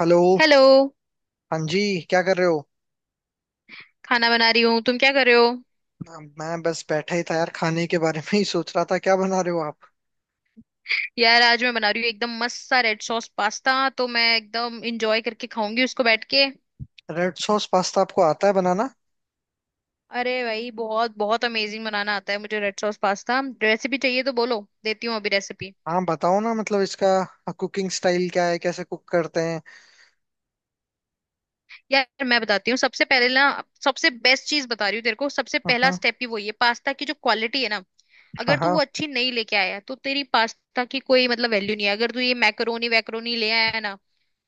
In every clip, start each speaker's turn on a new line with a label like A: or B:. A: Hello.
B: Hello.
A: हाँ जी। क्या कर रहे हो?
B: खाना बना रही हूँ। तुम क्या कर रहे हो?
A: मैं बस बैठा ही था यार, खाने के बारे में ही सोच रहा था। क्या बना रहे हो आप?
B: यार, आज मैं बना रही हूँ एकदम मस्त सा रेड सॉस पास्ता, तो मैं एकदम इंजॉय करके खाऊंगी उसको बैठ के।
A: रेड सॉस पास्ता आपको आता है बनाना?
B: अरे भाई, बहुत बहुत अमेजिंग बनाना आता है मुझे। रेड सॉस पास्ता रेसिपी चाहिए तो बोलो, देती हूँ अभी रेसिपी।
A: हाँ बताओ ना, मतलब इसका कुकिंग स्टाइल क्या है, कैसे कुक करते हैं?
B: यार, मैं बताती हूँ। सबसे पहले ना, सबसे बेस्ट चीज बता रही हूँ तेरे को। सबसे पहला
A: हाँ
B: स्टेप ही वही है, पास्ता की जो क्वालिटी है ना।
A: हाँ
B: अगर तू
A: हाँ।
B: वो अच्छी नहीं लेके आया तो तेरी पास्ता की कोई मतलब वैल्यू नहीं है। अगर तू ये मैकरोनी वैकरोनी ले आया है ना,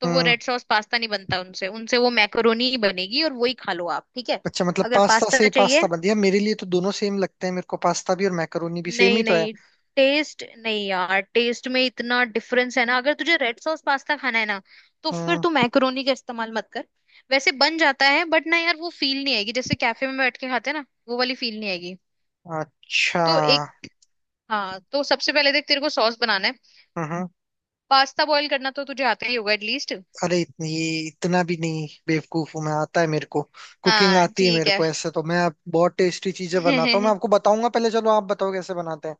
B: तो वो
A: हम्म।
B: रेड सॉस पास्ता नहीं बनता उनसे उनसे वो मैकरोनी ही बनेगी और वही खा लो आप। ठीक है?
A: अच्छा, मतलब
B: अगर
A: पास्ता
B: पास्ता
A: से ही पास्ता
B: चाहिए,
A: बन दिया। मेरे लिए तो दोनों सेम लगते हैं, मेरे को पास्ता भी और मैकरोनी भी सेम ही
B: नहीं
A: तो है।
B: नहीं, टेस्ट नहीं यार, टेस्ट में इतना डिफरेंस है ना। अगर तुझे रेड सॉस पास्ता खाना है ना, तो फिर तू
A: हम्म।
B: मैक्रोनी का इस्तेमाल मत कर। वैसे बन जाता है, बट ना यार वो फील नहीं आएगी, जैसे कैफे में बैठ के खाते हैं ना, वो वाली फील नहीं आएगी।
A: अच्छा।
B: तो एक हाँ, तो सबसे पहले देख, तेरे को सॉस बनाना है।
A: हम्म।
B: पास्ता बॉईल करना तो तुझे आता ही होगा एटलीस्ट।
A: अरे इतनी, इतना भी नहीं बेवकूफ हूं मैं, आता है मेरे को। कुकिंग
B: हाँ
A: आती है
B: ठीक
A: मेरे
B: है।
A: को ऐसे तो। बहुत टेस्टी चीजें बनाता हूँ मैं, आपको बताऊंगा। पहले चलो आप बताओ कैसे बनाते हैं।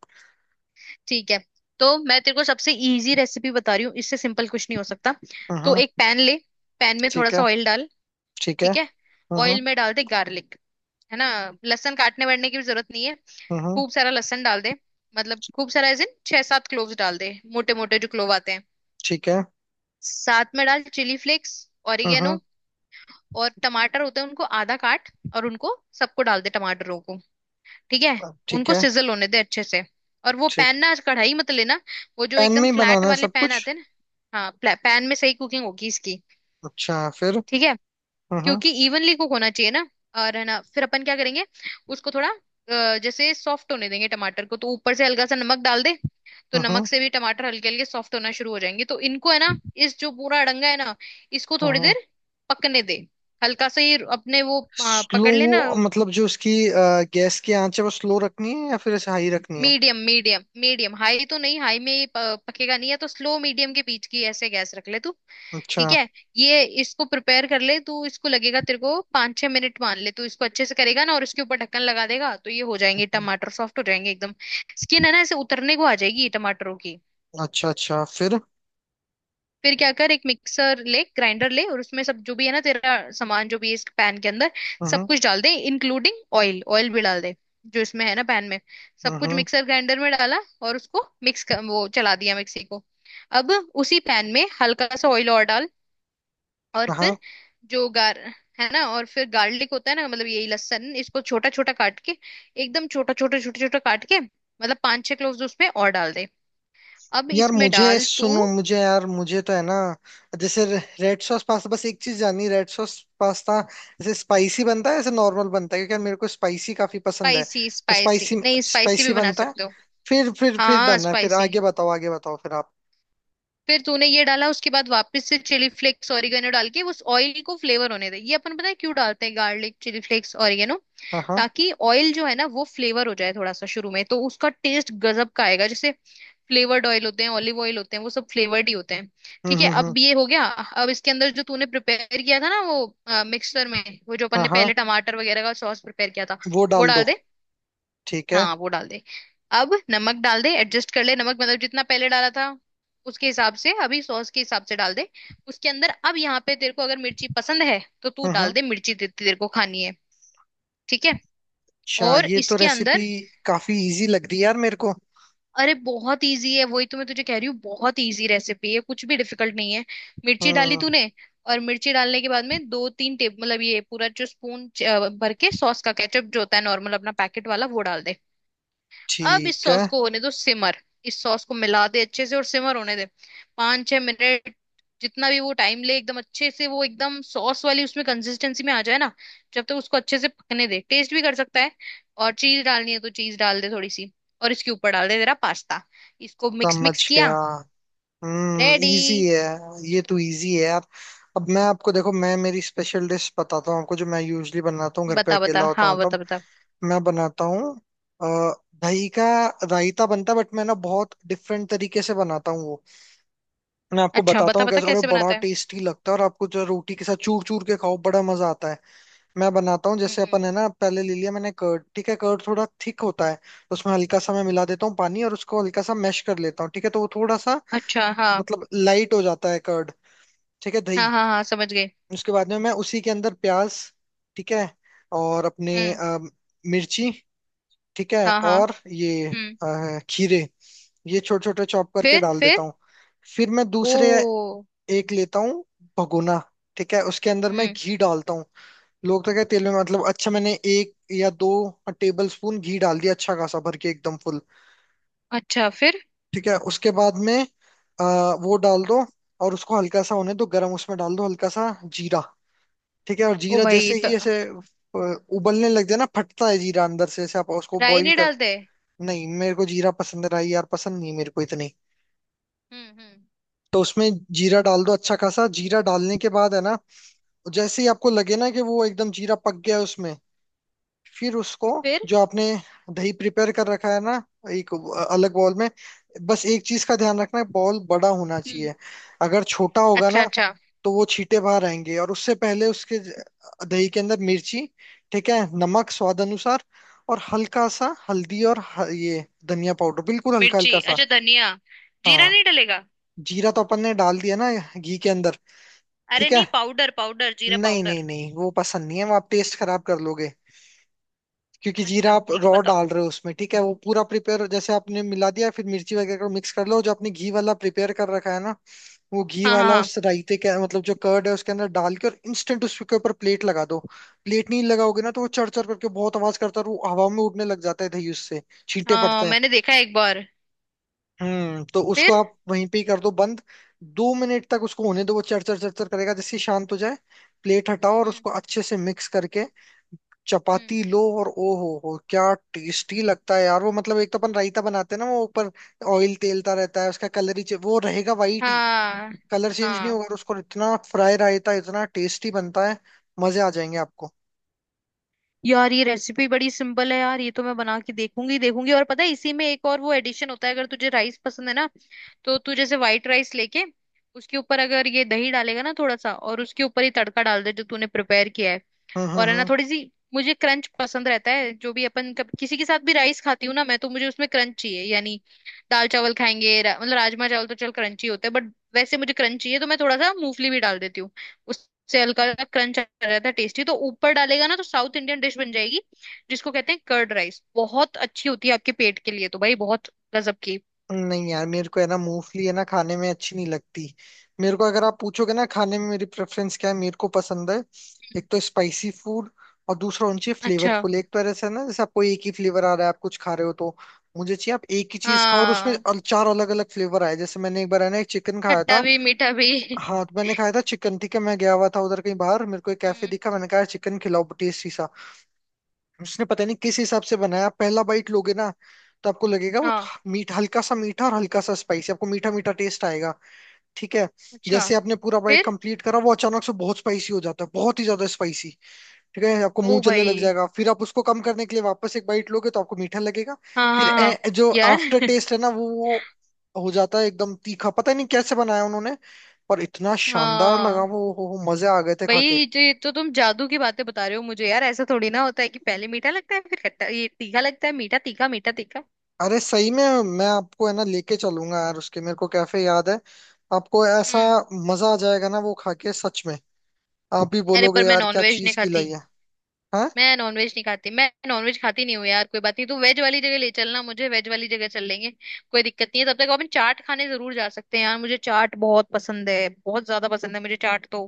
B: ठीक है, तो मैं तेरे को सबसे इजी रेसिपी बता रही हूँ, इससे सिंपल कुछ नहीं हो सकता। तो
A: हम्म।
B: एक पैन ले। पैन में थोड़ा
A: ठीक है।
B: सा ऑयल डाल।
A: ठीक है।
B: ठीक है। ऑयल
A: हम्म।
B: में डाल दे गार्लिक, है ना। लहसुन काटने वाटने की भी जरूरत नहीं है।
A: हम्म।
B: खूब सारा लहसुन डाल दे। मतलब खूब सारा, एज इन 6-7 क्लोव्स डाल दे, मोटे मोटे जो क्लोव आते हैं।
A: ठीक है।
B: साथ में डाल चिली फ्लेक्स,
A: हम्म।
B: ऑरिगेनो। और टमाटर होते हैं, उनको आधा काट। और उनको सबको डाल दे, टमाटरों को। ठीक है।
A: ठीक
B: उनको
A: है।
B: सिजल होने दे अच्छे से। और वो
A: ठीक।
B: पैन, ना आज कढ़ाई मत लेना। वो जो
A: पैन में
B: एकदम
A: ही
B: फ्लैट
A: बनाना है
B: वाले
A: सब
B: पैन
A: कुछ?
B: आते हैं ना, हाँ, पैन में सही कुकिंग होगी इसकी।
A: अच्छा, फिर?
B: ठीक है।
A: हम्म।
B: क्योंकि इवनली कुक होना चाहिए ना। और है ना, फिर अपन क्या करेंगे। उसको थोड़ा जैसे सॉफ्ट होने देंगे टमाटर को, तो ऊपर से हल्का सा नमक डाल दे। तो नमक
A: हम्म।
B: से भी टमाटर हल्के हल्के सॉफ्ट होना शुरू हो जाएंगे, तो इनको, है ना, इस जो पूरा अड़ंगा है ना, इसको थोड़ी
A: हम्म।
B: देर पकने दे। हल्का सा ही अपने वो
A: स्लो,
B: पकड़ लेना।
A: मतलब जो उसकी गैस की आंच है वो स्लो रखनी है या फिर ऐसे हाई रखनी है?
B: Medium, medium. मीडियम हाई तो नहीं, हाई में ये पकेगा नहीं है, तो स्लो मीडियम के बीच की ऐसे गैस रख ले तू। ठीक
A: अच्छा।
B: है। ये इसको प्रिपेयर कर ले तू। इसको लगेगा तेरे को 5-6 मिनट, मान ले। तू इसको अच्छे से करेगा ना और इसके ऊपर ढक्कन लगा देगा, तो ये हो जाएंगे
A: हम्म।
B: टमाटर, सॉफ्ट हो जाएंगे एकदम। स्किन है ना, ऐसे उतरने को आ जाएगी टमाटरों की।
A: अच्छा अच्छा, फिर?
B: फिर क्या कर, एक मिक्सर ले, ग्राइंडर ले और उसमें सब जो भी है ना तेरा सामान, जो भी है इस पैन के अंदर, सब
A: हम्म।
B: कुछ डाल दे इंक्लूडिंग ऑयल। ऑयल भी डाल दे जो इसमें है ना पैन में, सब कुछ
A: हम्म।
B: मिक्सर ग्राइंडर में डाला और उसको मिक्स कर, वो चला दिया मिक्सी को। अब, उसी पैन में हल्का सा ऑयल और डाल। और
A: हाँ।
B: फिर जो गार है ना, और फिर गार्लिक होता है ना, मतलब यही लहसुन, इसको छोटा छोटा काट के, एकदम छोटा छोटा छोटा छोटा काट के, मतलब 5-6 क्लोव्स उसमें और डाल दे। अब
A: यार
B: इसमें
A: मुझे
B: डाल तू।
A: सुनो, मुझे यार मुझे तो है ना, जैसे रेड सॉस पास्ता, बस एक चीज जाननी, रेड सॉस पास्ता जैसे स्पाइसी बनता है जैसे नॉर्मल बनता है? क्योंकि यार मेरे को स्पाइसी काफी पसंद है।
B: स्पाइसी?
A: तो
B: स्पाइसी
A: स्पाइसी
B: नहीं, स्पाइसी
A: स्पाइसी
B: भी बना
A: बनता है?
B: सकते हो।
A: फिर
B: हाँ
A: डन है, फिर
B: स्पाइसी।
A: आगे बताओ, आगे बताओ फिर आप।
B: फिर तूने ये डाला, उसके बाद वापस से चिली फ्लेक्स, ऑरिगेनो डाल के उस ऑयल को फ्लेवर होने दे। ये अपन पता है क्यों डालते हैं गार्लिक, चिली फ्लेक्स, ऑरिगेनो,
A: हाँ हाँ।
B: ताकि ऑयल जो है ना, वो फ्लेवर हो जाए थोड़ा सा शुरू में, तो उसका टेस्ट गजब का आएगा। जैसे, फ्लेवर्ड ऑयल होते हैं, ऑलिव ऑयल होते हैं, वो सब फ्लेवर्ड ही होते हैं। ठीक है,
A: हम्म।
B: अब ये हो गया। अब इसके अंदर जो तूने प्रिपेयर किया था ना वो मिक्सर में, वो जो अपन
A: हाँ
B: ने
A: हाँ,
B: पहले टमाटर वगैरह का सॉस प्रिपेयर किया था,
A: वो
B: वो
A: डाल दो।
B: डाल दे।
A: ठीक है।
B: हाँ वो डाल दे। अब नमक डाल दे, एडजस्ट कर ले नमक, मतलब जितना पहले डाला था, उसके हिसाब से अभी सॉस के हिसाब से डाल दे उसके अंदर। अब यहाँ पे तेरे को अगर मिर्ची पसंद है तो तू डाल
A: हम्म।
B: दे मिर्ची, जितनी तेरे को खानी है। ठीक है।
A: अच्छा
B: और
A: ये तो
B: इसके
A: रेसिपी
B: अंदर,
A: काफी इजी लग रही है यार मेरे को।
B: अरे बहुत इजी है, वही तो मैं तुझे कह रही हूँ, बहुत इजी रेसिपी है, कुछ भी डिफिकल्ट नहीं है। मिर्ची डाली
A: हम्म।
B: तूने। और मिर्ची डालने के बाद में 2-3 टेबल, मतलब ये पूरा जो स्पून भर के, सॉस का, केचप जो होता है नॉर्मल अपना पैकेट वाला, वो डाल दे। अब इस
A: ठीक है।
B: सॉस को होने दो सिमर। इस सॉस को मिला दे अच्छे से और सिमर होने दे 5-6 मिनट, जितना भी वो टाइम ले, एकदम अच्छे से, वो एकदम सॉस वाली उसमें कंसिस्टेंसी में आ जाए ना। जब तक उसको अच्छे से पकने दे, टेस्ट भी कर सकता है। और चीज डालनी है तो चीज डाल दे थोड़ी सी। और इसके ऊपर डाल दे तेरा पास्ता। इसको मिक्स
A: समझ
B: मिक्स
A: गया।
B: किया।
A: हम्म,
B: रेडी।
A: इजी है। ये तो इजी है यार। अब मैं आपको देखो, मैं मेरी स्पेशल डिश बताता हूँ आपको, जो मैं यूजली बनाता हूँ घर पे
B: बता बता,
A: अकेला होता
B: हाँ
A: हूँ तब
B: बता बता।
A: मैं बनाता हूँ। अ, दही का रायता बनता है, बट मैं ना बहुत डिफरेंट तरीके से बनाता हूँ वो। मैं आपको
B: अच्छा
A: बताता
B: बता
A: हूँ
B: बता
A: कैसे, और वो
B: कैसे
A: बड़ा
B: बनाता है।
A: टेस्टी लगता है, और आपको जो रोटी के साथ चूर चूर के खाओ, बड़ा मजा आता है। मैं बनाता हूँ, जैसे
B: हम्म।
A: अपन है ना, पहले ले लिया मैंने कर्ड। ठीक है? कर्ड थोड़ा थिक होता है तो उसमें हल्का सा मैं मिला देता हूँ पानी, और उसको हल्का सा मैश कर लेता हूँ। ठीक है? तो वो थोड़ा सा,
B: अच्छा। हाँ,
A: मतलब लाइट हो जाता है कर्ड। ठीक है,
B: हाँ,
A: दही।
B: हाँ, हाँ, समझ गए।
A: उसके बाद में मैं उसी के अंदर प्याज, ठीक है, और अपने
B: हम्म।
A: मिर्ची, ठीक है,
B: हाँ, हाँ।
A: और ये
B: हम्म।
A: खीरे, ये छोटे छोटे चॉप करके
B: फिर?
A: डाल
B: फिर?
A: देता हूँ। फिर मैं दूसरे
B: ओ।
A: एक लेता हूँ भगोना। ठीक है, उसके अंदर मैं
B: हम्म।
A: घी डालता हूँ। लोग तो क्या तेल में, मतलब अच्छा, मैंने एक या दो टेबल स्पून घी डाल दिया अच्छा खासा, भर के एकदम फुल।
B: अच्छा। फिर?
A: ठीक है? उसके बाद में अ, वो डाल दो, और उसको हल्का सा होने दो गरम। उसमें डाल दो हल्का सा जीरा। ठीक है? और
B: ओ
A: जीरा जैसे
B: भाई, तो
A: ही ऐसे उबलने लग जाए ना, फटता है जीरा अंदर से, ऐसे आप उसको
B: राई
A: बॉईल
B: नहीं
A: कर।
B: डालते?
A: नहीं, मेरे को जीरा पसंद रहा यार, पसंद नहीं मेरे को इतनी।
B: हम्म, हम्म।
A: तो उसमें जीरा डाल दो अच्छा खासा। जीरा डालने के बाद है ना, जैसे ही आपको लगे ना कि वो एकदम जीरा पक गया है उसमें, फिर उसको
B: फिर?
A: जो आपने दही प्रिपेयर कर रखा है ना, एक अलग बॉल में, बस एक चीज का ध्यान रखना है, बॉल बड़ा होना
B: हम्म।
A: चाहिए। अगर छोटा होगा ना,
B: अच्छा, अच्छा।
A: तो वो छींटे बाहर आएंगे। और उससे पहले दही के अंदर मिर्ची, ठीक है, नमक स्वाद अनुसार, और हल्का सा हल्दी, और ये धनिया पाउडर बिल्कुल हल्का
B: मिर्ची।
A: हल्का सा।
B: अच्छा, धनिया, जीरा
A: हाँ,
B: नहीं डलेगा?
A: जीरा तो अपन ने डाल दिया ना घी के अंदर।
B: अरे
A: ठीक है?
B: नहीं, पाउडर पाउडर, जीरा
A: नहीं नहीं
B: पाउडर।
A: नहीं, वो पसंद नहीं है, वो आप टेस्ट खराब कर लोगे। क्योंकि जीरा
B: अच्छा
A: आप
B: ठीक है,
A: रॉ
B: बताओ।
A: डाल रहे हो उसमें। ठीक है? वो पूरा प्रिपेयर, जैसे आपने मिला दिया, फिर मिर्ची वगैरह को मिक्स कर लो,
B: हम्म।
A: जो आपने घी वाला प्रिपेयर कर रखा है ना, वो घी
B: हाँ,
A: वाला
B: हाँ,
A: उस रायते के मतलब जो कर्ड है उसके अंदर डाल के, और इंस्टेंट उसके ऊपर प्लेट लगा दो। प्लेट नहीं लगाओगे ना, तो वो चढ़ चढ़ करके बहुत आवाज करता है, और वो हवा में उड़ने लग जाता है दही, उससे
B: हाँ,
A: छींटे
B: हाँ,
A: पड़ते हैं।
B: मैंने देखा है एक बार।
A: हम्म। तो उसको
B: फिर?
A: आप वहीं पे ही कर दो बंद। दो मिनट तक उसको होने दो, वो चरचर चरचर करेगा, जिससे शांत हो जाए। प्लेट हटाओ और
B: हम्म,
A: उसको अच्छे से मिक्स करके
B: हम्म।
A: चपाती लो, और ओ हो क्या टेस्टी लगता है यार वो। मतलब एक तो अपन रायता बनाते हैं ना, वो ऊपर ऑयल तेलता रहता है। उसका वो रहेगा वाइट ही,
B: हाँ,
A: कलर चेंज नहीं
B: हाँ।
A: होगा। और उसको इतना फ्राई, रायता इतना टेस्टी बनता है, मजे आ जाएंगे आपको।
B: यार ये रेसिपी बड़ी सिंपल है यार, ये तो मैं बना के देखूंगी देखूंगी। और पता है, इसी में एक और वो एडिशन होता है, अगर तुझे राइस पसंद है ना, तो तू जैसे व्हाइट राइस लेके, उसके ऊपर अगर ये दही डालेगा ना थोड़ा सा, और उसके ऊपर ही तड़का डाल दे जो तूने प्रिपेयर किया है। और है ना,
A: हम्म।
B: थोड़ी सी, मुझे क्रंच पसंद रहता है। जो भी अपन किसी के साथ भी राइस खाती हूँ ना मैं, तो मुझे उसमें क्रंच चाहिए यानी, दाल चावल खाएंगे मतलब राजमा चावल तो चल क्रंची होता है, बट वैसे मुझे क्रंच चाहिए, तो मैं थोड़ा सा मूंगफली भी डाल देती हूँ। उससे हल्का सा क्रंच आ जाता है। टेस्टी तो ऊपर डालेगा ना, तो साउथ इंडियन डिश बन जाएगी, जिसको कहते हैं कर्ड राइस। बहुत अच्छी होती है आपके पेट के लिए तो भाई, बहुत गजब की।
A: नहीं यार मेरे को है ना मूंगफली है ना खाने में अच्छी नहीं लगती। मेरे को अगर आप पूछोगे ना, खाने में मेरी प्रेफरेंस क्या है, मेरे को पसंद है एक तो स्पाइसी फूड, और दूसरा होना चाहिए
B: अच्छा।
A: फ्लेवरफुल। एक तो ऐसा है ना जैसे आपको एक ही फ्लेवर आ रहा है आप कुछ खा रहे हो तो, मुझे चाहिए आप एक ही चीज खाओ और उसमें
B: हाँ
A: चार अलग अलग फ्लेवर आए। जैसे मैंने एक बार है ना एक चिकन खाया
B: खट्टा
A: था।
B: भी मीठा भी।
A: हाँ, तो मैंने खाया था चिकन, ठीक है, मैं गया हुआ था उधर कहीं बाहर, मेरे को एक कैफे दिखा,
B: हम्म।
A: मैंने कहा चिकन खिलाओ टेस्टी। उसने पता नहीं किस हिसाब से बनाया, आप पहला बाइट लोगे ना तो आपको लगेगा वो
B: हाँ।
A: मीठ, हल्का सा मीठा और हल्का सा स्पाइसी, आपको मीठा मीठा टेस्ट आएगा। ठीक है?
B: अच्छा।
A: जैसे आपने पूरा बाइट
B: फिर?
A: कंप्लीट करा, वो अचानक से बहुत स्पाइसी हो जाता है, बहुत ही ज्यादा स्पाइसी। ठीक है? आपको मुंह
B: ओ
A: जलने
B: भाई।
A: लग जाएगा। फिर आप उसको कम करने के लिए वापस एक बाइट लोगे, तो आपको मीठा लगेगा।
B: हाँ,
A: फिर
B: हाँ, हाँ
A: जो
B: यार।
A: आफ्टर टेस्ट है ना, वो हो जाता है एकदम तीखा। पता नहीं कैसे बनाया उन्होंने, पर इतना शानदार लगा
B: हाँ।
A: वो, मजे आ गए थे
B: भाई,
A: खा के।
B: ये तो तुम जादू की बातें बता रहे हो मुझे, यार ऐसा थोड़ी ना होता है कि पहले मीठा लगता है फिर खट्टा ये तीखा लगता है, मीठा तीखा मीठा तीखा।
A: अरे सही में, मैं आपको है ना लेके चलूंगा यार, उसके मेरे को कैफे याद है आपको। ऐसा
B: हम्म।
A: मजा आ जाएगा ना वो खा के, सच में आप भी
B: अरे
A: बोलोगे
B: पर मैं
A: यार क्या
B: नॉनवेज नहीं
A: चीज खिलाई
B: खाती।
A: है। हाँ।
B: मैं नॉनवेज नहीं खाती, मैं नॉनवेज खाती नहीं हूँ यार। कोई बात नहीं, तू वेज वाली जगह ले चलना मुझे, वेज वाली जगह चल लेंगे। कोई दिक्कत नहीं है। तब तक अपन चाट खाने जरूर जा सकते हैं, यार मुझे चाट बहुत पसंद है, बहुत ज्यादा पसंद है मुझे चाट तो।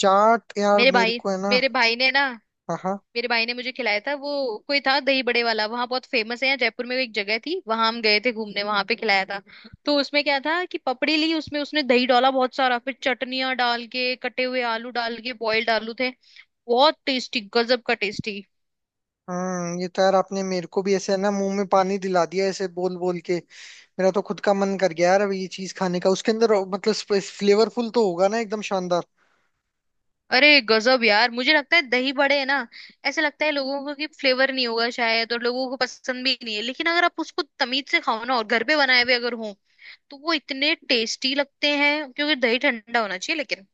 A: चाट यार,
B: मेरे
A: मेरे
B: भाई
A: को है ना।
B: मेरे भाई ने ना,
A: हाँ हाँ।
B: मेरे भाई ने मुझे खिलाया था वो। कोई था दही बड़े वाला, वहां बहुत फेमस है, यहाँ जयपुर में वो एक जगह थी, वहां हम गए थे घूमने, वहां पे खिलाया था। तो उसमें क्या था कि पपड़ी ली, उसमें उसने दही डाला बहुत सारा, फिर चटनियां डाल के, कटे हुए आलू डाल के, बॉइल्ड आलू थे। बहुत टेस्टी, गजब का टेस्टी।
A: हम्म। ये तो यार आपने मेरे को भी ऐसे है ना मुंह में पानी दिला दिया ऐसे बोल बोल के। मेरा तो खुद का मन कर गया यार अब ये चीज खाने का, उसके अंदर मतलब फ्लेवरफुल तो होगा ना एकदम शानदार।
B: अरे गजब यार। मुझे लगता है दही बड़े है ना, ऐसे लगता है लोगों को कि फ्लेवर नहीं होगा शायद, और लोगों को पसंद भी नहीं है, लेकिन अगर आप उसको तमीज से खाओ ना, और घर पे बनाए हुए अगर हो, तो वो इतने टेस्टी लगते हैं। क्योंकि दही ठंडा होना चाहिए, लेकिन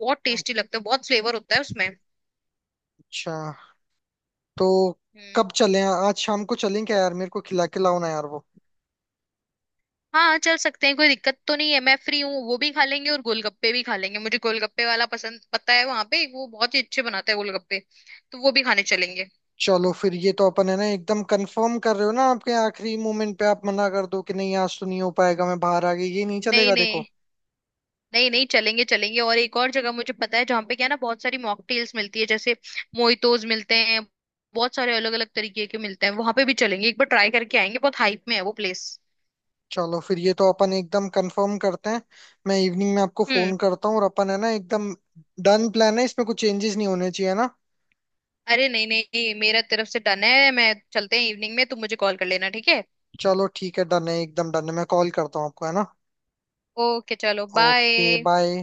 B: बहुत टेस्टी लगता है, बहुत फ्लेवर होता है उसमें।
A: अच्छा। तो कब
B: हम्म।
A: चलें, आज शाम को चलें क्या यार, मेरे को खिला के लाओ ना यार वो।
B: हाँ चल सकते हैं, कोई दिक्कत तो नहीं है, मैं फ्री हूँ। वो भी खा लेंगे और गोलगप्पे भी खा लेंगे, मुझे गोलगप्पे वाला पसंद, पता है वहां पे वो बहुत ही अच्छे बनाता है गोलगप्पे, तो वो भी खाने चलेंगे।
A: चलो फिर, ये तो अपन है ना एकदम कंफर्म कर रहे हो ना? आपके आखिरी मोमेंट पे आप मना कर दो कि नहीं आज तो नहीं हो पाएगा मैं बाहर आ गई, ये नहीं
B: नहीं
A: चलेगा
B: नहीं,
A: देखो।
B: नहीं नहीं, चलेंगे चलेंगे। और एक और जगह मुझे पता है, जहाँ पे क्या है ना बहुत सारी मॉकटेल्स मिलती है, जैसे मोइतोज मिलते हैं। बहुत सारे अलग अलग तरीके के मिलते हैं वहां पे भी, चलेंगे एक बार ट्राई करके आएंगे, बहुत हाइप में है वो प्लेस।
A: चलो फिर, ये तो अपन एकदम कंफर्म करते हैं। मैं इवनिंग में आपको
B: हम्म।
A: फोन करता हूँ, और अपन है ना एकदम डन प्लान है, इसमें कुछ चेंजेस नहीं होने चाहिए ना।
B: अरे नहीं नहीं नहीं, मेरा तरफ से डन है। मैं चलते हैं, इवनिंग में तुम मुझे कॉल कर लेना, ठीक है।
A: चलो ठीक है, डन है, एकदम डन है। मैं कॉल करता हूँ आपको, है ना।
B: ओके चलो,
A: ओके,
B: बाय।
A: बाय।